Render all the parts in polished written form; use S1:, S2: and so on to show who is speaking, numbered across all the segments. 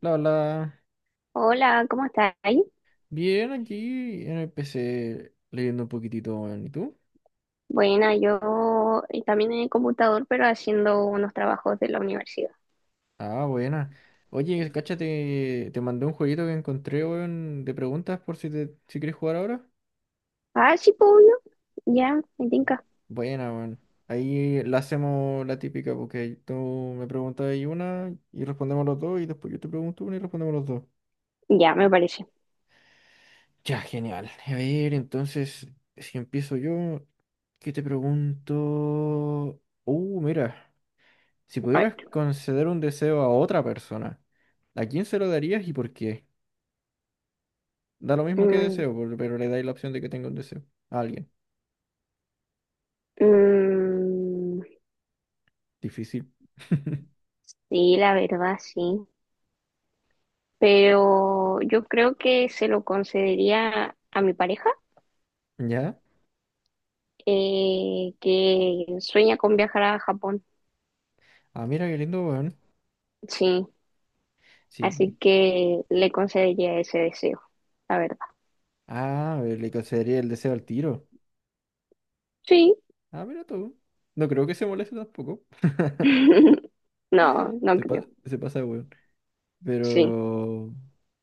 S1: La verdad,
S2: Hola, ¿cómo estáis?
S1: bien aquí en el PC leyendo un poquitito, weón. ¿Y tú?
S2: Buena, yo también en el computador, pero haciendo unos trabajos de la universidad.
S1: Ah, buena. Oye, cáchate, te mandé un jueguito que encontré, weón, de preguntas por si quieres jugar ahora.
S2: Ah, sí, pues, obvio. Ya, me tinca.
S1: Buena, weón. Ahí la hacemos la típica, porque tú me preguntas ahí una y respondemos los dos, y después yo te pregunto una y respondemos los dos.
S2: Ya, me parece.
S1: Ya, genial. A ver, entonces, si empiezo yo, ¿qué te pregunto? Mira. Si
S2: A
S1: pudieras
S2: ver.
S1: conceder un deseo a otra persona, ¿a quién se lo darías y por qué? Da lo mismo que
S2: Mm,
S1: deseo, pero le dais la opción de que tenga un deseo. A alguien.
S2: mm,
S1: Difícil.
S2: sí, la verdad, sí. Pero yo creo que se lo concedería a mi pareja,
S1: ¿Ya?
S2: que sueña con viajar a Japón.
S1: Ah, mira qué lindo, weón.
S2: Sí,
S1: Sí.
S2: así que le concedería ese deseo, la verdad.
S1: Ah, le concedería el deseo al tiro.
S2: Sí.
S1: Ah, mira tú. No creo que se moleste tampoco.
S2: No, no
S1: Se,
S2: creo.
S1: se pasa, de weón.
S2: Sí.
S1: Pero...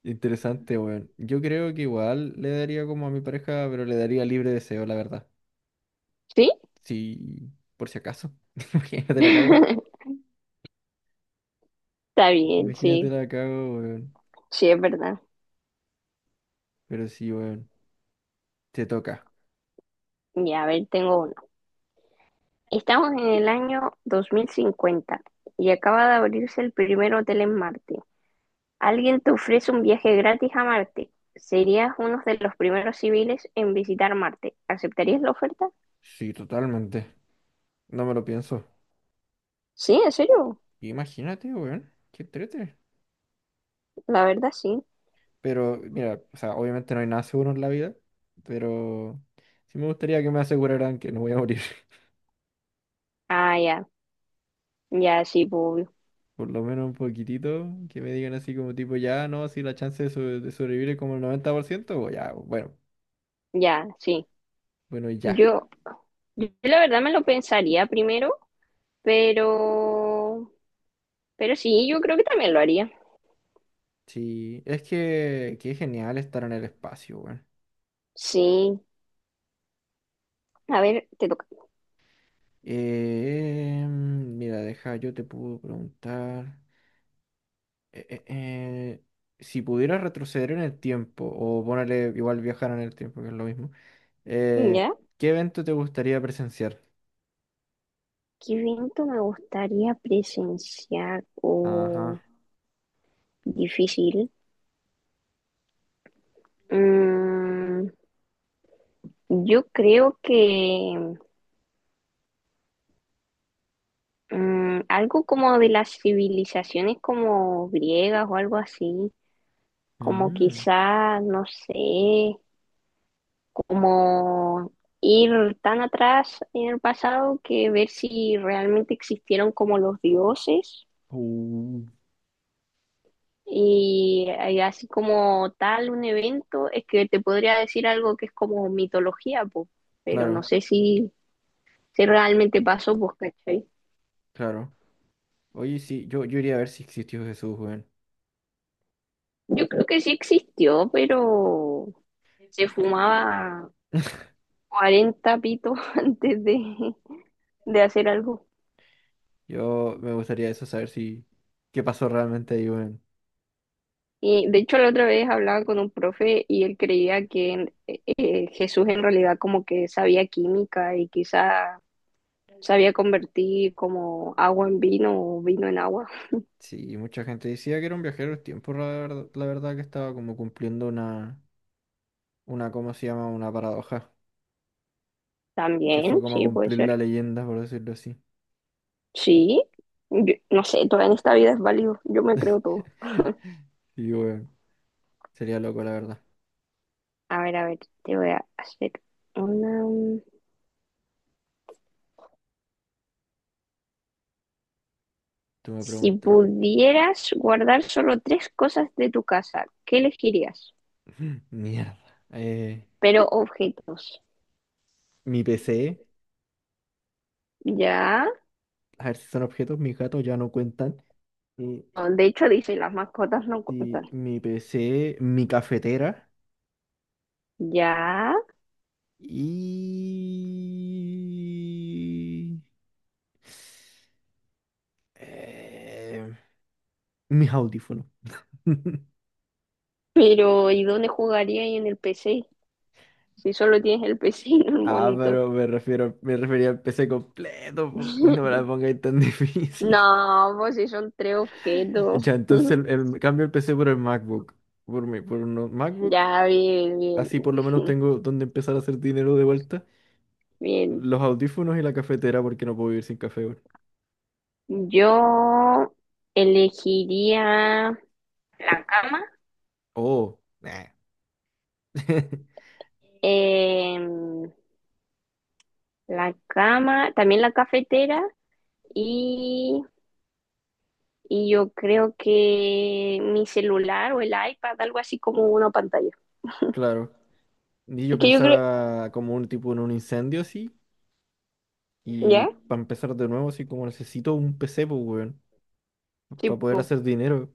S1: Interesante, weón. Yo creo que igual le daría como a mi pareja, pero le daría libre deseo, la verdad.
S2: ¿Sí?
S1: Sí, por si acaso. Imagínate la cago.
S2: Está bien,
S1: Imagínate
S2: sí,
S1: la cago, weón.
S2: sí es verdad.
S1: Pero sí, weón. Te toca.
S2: Y a ver, tengo uno. Estamos en el año 2050 y acaba de abrirse el primer hotel en Marte. Alguien te ofrece un viaje gratis a Marte. Serías uno de los primeros civiles en visitar Marte. ¿Aceptarías la oferta?
S1: Sí, totalmente. No me lo pienso.
S2: Sí, en serio.
S1: Imagínate, weón. Qué trete.
S2: La verdad, sí.
S1: Pero, mira, o sea, obviamente no hay nada seguro en la vida. Pero sí me gustaría que me aseguraran que no voy a morir.
S2: Ah, ya, ya, sí, pues, obvio.
S1: Por lo menos un poquitito. Que me digan así como tipo, ya, no, si la chance de, de sobrevivir es como el 90%, o ya, bueno.
S2: Ya, sí.
S1: Bueno, y ya.
S2: Yo, yo la verdad me lo pensaría primero, pero, pero sí, yo creo que también lo haría.
S1: Sí, es que, qué genial estar en el espacio, weón.
S2: Sí. A ver, te toca.
S1: Mira, deja, yo te puedo preguntar. eh, eh, eh, si pudieras retroceder en el tiempo, o ponerle igual viajar en el tiempo, que es lo mismo, eh,
S2: ¿Ya?
S1: ¿qué evento te gustaría presenciar?
S2: ¿Qué evento me gustaría presenciar
S1: Ajá.
S2: o difícil? Mm, yo creo que algo como de las civilizaciones como griegas o algo así, como
S1: mm,
S2: quizás, no sé, como ir tan atrás en el pasado que ver si realmente existieron como los dioses.
S1: uh,
S2: Y así como tal un evento, es que te podría decir algo que es como mitología, pues, pero no
S1: claro,
S2: sé si, si realmente pasó, pues, ¿cachai?
S1: claro. Oye, sí, yo iría a ver si existió Jesús, weón.
S2: Yo creo que sí existió, pero se fumaba 40 pitos antes de hacer algo.
S1: Yo me gustaría eso, saber si qué pasó realmente ahí, weón.
S2: Y de hecho la otra vez hablaba con un profe y él creía que Jesús en realidad como que sabía química y quizá sabía convertir como agua en vino o vino en agua.
S1: Sí, mucha gente decía que era un viajero del tiempo, la verdad que estaba como cumpliendo una, ¿cómo se llama? Una paradoja, que fue
S2: También,
S1: como
S2: sí, puede
S1: cumplir
S2: ser.
S1: la leyenda, por decirlo así.
S2: Sí, yo- no sé, todo en esta vida es válido. Yo me creo todo.
S1: Y bueno, sería loco, la verdad.
S2: A ver, te voy a hacer una...
S1: Tú me
S2: Si
S1: preguntas.
S2: pudieras guardar solo tres cosas de tu casa, ¿qué elegirías?
S1: Mierda. Eh,
S2: Pero objetos.
S1: mi PC,
S2: Ya.
S1: a ver si son objetos, mis gatos ya no cuentan. Eh,
S2: Ah, de hecho, dice, las mascotas no cuentan.
S1: y mi PC, mi cafetera
S2: Ya.
S1: y... eh, mis audífonos.
S2: Pero, ¿y dónde jugaría y en el PC? Si solo tienes el PC y no el
S1: Ah,
S2: monitor.
S1: pero me refiero, me refería al PC completo, po, no me la pongáis tan difícil.
S2: No, pues si son tres
S1: Ya,
S2: objetos.
S1: entonces cambio el PC por el MacBook. Por mí, por un MacBook.
S2: Ya, bien, bien,
S1: Así por lo menos tengo donde empezar a hacer dinero de vuelta.
S2: bien.
S1: Los audífonos y la cafetera porque no puedo vivir sin café, weón.
S2: Yo elegiría la cama,
S1: Oh, nah.
S2: em, la cama, también la cafetera y, y yo creo que mi celular o el iPad, algo así como una pantalla.
S1: Claro. Y yo
S2: Es que yo creo,
S1: pensaba como un tipo en un incendio así. Y
S2: ¿ya?
S1: para empezar de nuevo, así como necesito un PC, pues, weón.
S2: Sí,
S1: Para poder
S2: po,
S1: hacer dinero.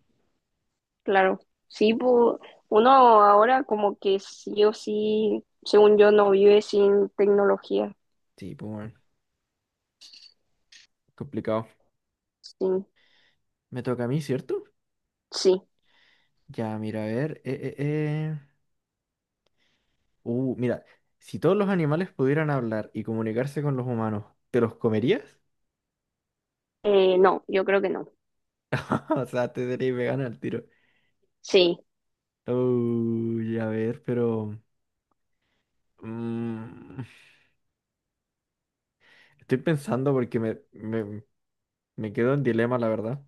S2: claro. Sí, po, uno ahora como que sí o sí, según yo, no vive sin tecnología.
S1: Sí, pues, weón. Complicado.
S2: Sí,
S1: Me toca a mí, ¿cierto?
S2: sí.
S1: Ya, mira, a ver. Mira, si todos los animales pudieran hablar y comunicarse con los humanos, ¿te los comerías?
S2: No, yo creo que no.
S1: O sea, te serías vegana al tiro.
S2: Sí,
S1: Uy, a ver, pero. mm, estoy pensando porque me quedo en dilema, la verdad.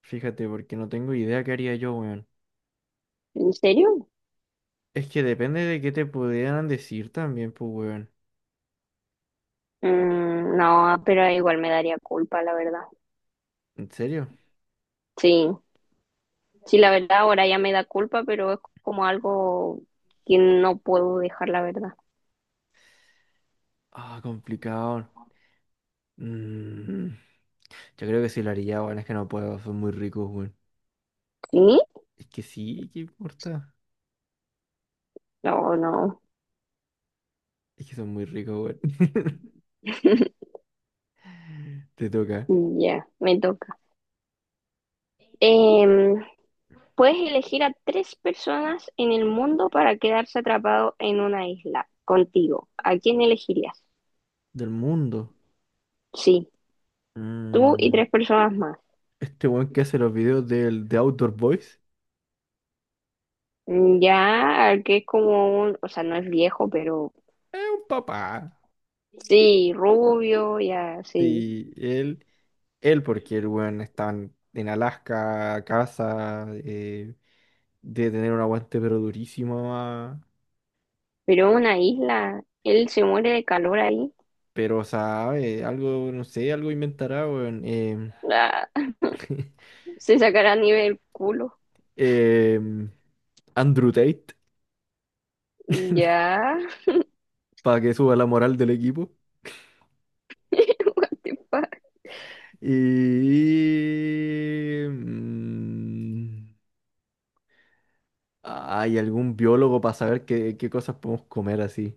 S1: Fíjate, porque no tengo idea qué haría yo, weón.
S2: ¿en serio?
S1: Es que depende de qué te pudieran decir también, pues, weón.
S2: No, pero igual me daría culpa, la verdad.
S1: ¿En serio?
S2: Sí, sí, la verdad ahora ya me da culpa, pero es como algo que no puedo dejar, la verdad.
S1: Ah, complicado. Mm, yo creo que sí lo haría, weón. Es que no puedo, son muy ricos, weón.
S2: ¿Sí?
S1: Es que sí, ¿qué importa?
S2: No, no.
S1: Es que son muy ricos, weón. Te toca.
S2: Ya, me toca. Em, puedes elegir a tres personas en el mundo para quedarse atrapado en una isla contigo. ¿A quién elegirías?
S1: Del mundo.
S2: Sí, tú y
S1: Mm,
S2: tres personas más.
S1: este weón que hace los videos de Outdoor Boys
S2: Mm. Ya, que es como un, o sea, no es viejo, pero
S1: es un papá.
S2: sí, rubio, ya, sí.
S1: Sí, él porque el weón está en Alaska, casa, debe tener un aguante pero durísimo, ah,
S2: Pero una isla, él se muere de calor ahí.
S1: pero sabe, algo, no sé, algo inventará, weón. Em,
S2: Ah, se sacará nieve del culo.
S1: em, Andrew Tate,
S2: Ya.
S1: para que suba la moral del equipo.
S2: What the fuck.
S1: Y... mm, ¿hay algún biólogo para saber qué, qué cosas podemos comer así?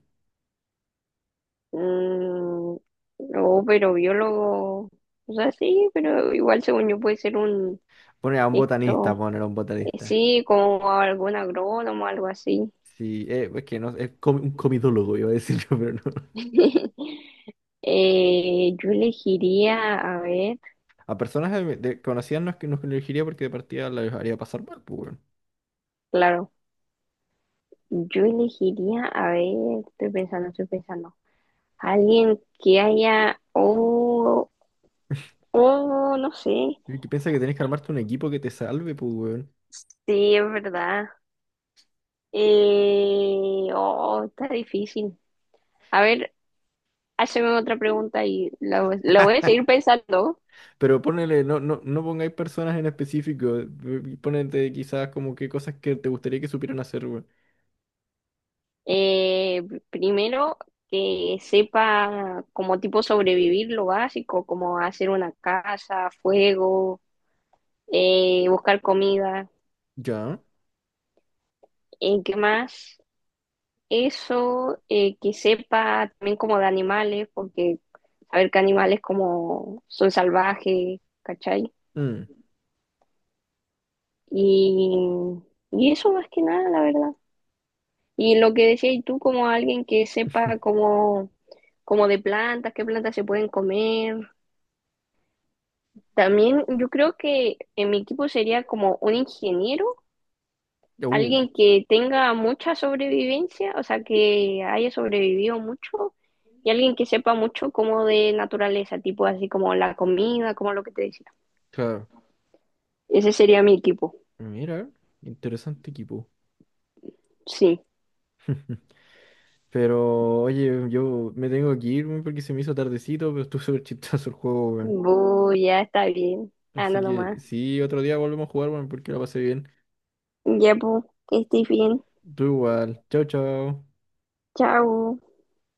S2: Mm, no, pero biólogo. O sea, sí, pero igual según yo puede ser un
S1: Poner a un botanista,
S2: esto.
S1: poner a un botanista.
S2: Sí, como algún agrónomo, algo así.
S1: Sí, es que no, es un comidólogo, iba a decir yo, pero no.
S2: Yo elegiría, a ver,
S1: A personas conocidas no es que nos elegiría porque de partida las haría pasar mal, pues, weón.
S2: claro, yo elegiría, a ver, estoy pensando, estoy pensando. Alguien que haya, oh, oh, no sé.
S1: Y que piensa que tenés que armarte un equipo que te salve, pues, weón.
S2: Sí, es verdad. Oh, está difícil. A ver, hazme otra pregunta y la voy a seguir pensando.
S1: Pero ponele, no pongáis personas en específico. Ponete quizás como qué cosas que te gustaría que supieran hacer, weón.
S2: Eh, primero, que sepa como tipo sobrevivir lo básico, como hacer una casa, fuego, buscar comida.
S1: Ya.
S2: ¿En qué más? Eso, que sepa también como de animales, porque a ver qué animales como son salvajes, ¿cachai?
S1: Mm.
S2: Y, y eso más que nada, la verdad. Y lo que decías tú, como alguien que sepa cómo, como de plantas, qué plantas se pueden comer. También yo creo que en mi equipo sería como un ingeniero,
S1: Uh,
S2: alguien que tenga mucha sobrevivencia, o sea, que haya sobrevivido mucho, y alguien que sepa mucho como de naturaleza, tipo así como la comida, como lo que te decía.
S1: claro.
S2: Ese sería mi equipo,
S1: Mira, interesante equipo.
S2: sí.
S1: Pero, oye, yo me tengo que ir weón, porque se me hizo tardecito, pero estuvo súper chistoso el juego, weón.
S2: Bu, ya está bien.
S1: Así
S2: Anda
S1: que
S2: nomás.
S1: sí, otro día volvemos a jugar, weón, porque la pasé bien.
S2: Ya, bu, que estés bien.
S1: Tú igual. Chao, chao.
S2: Chao.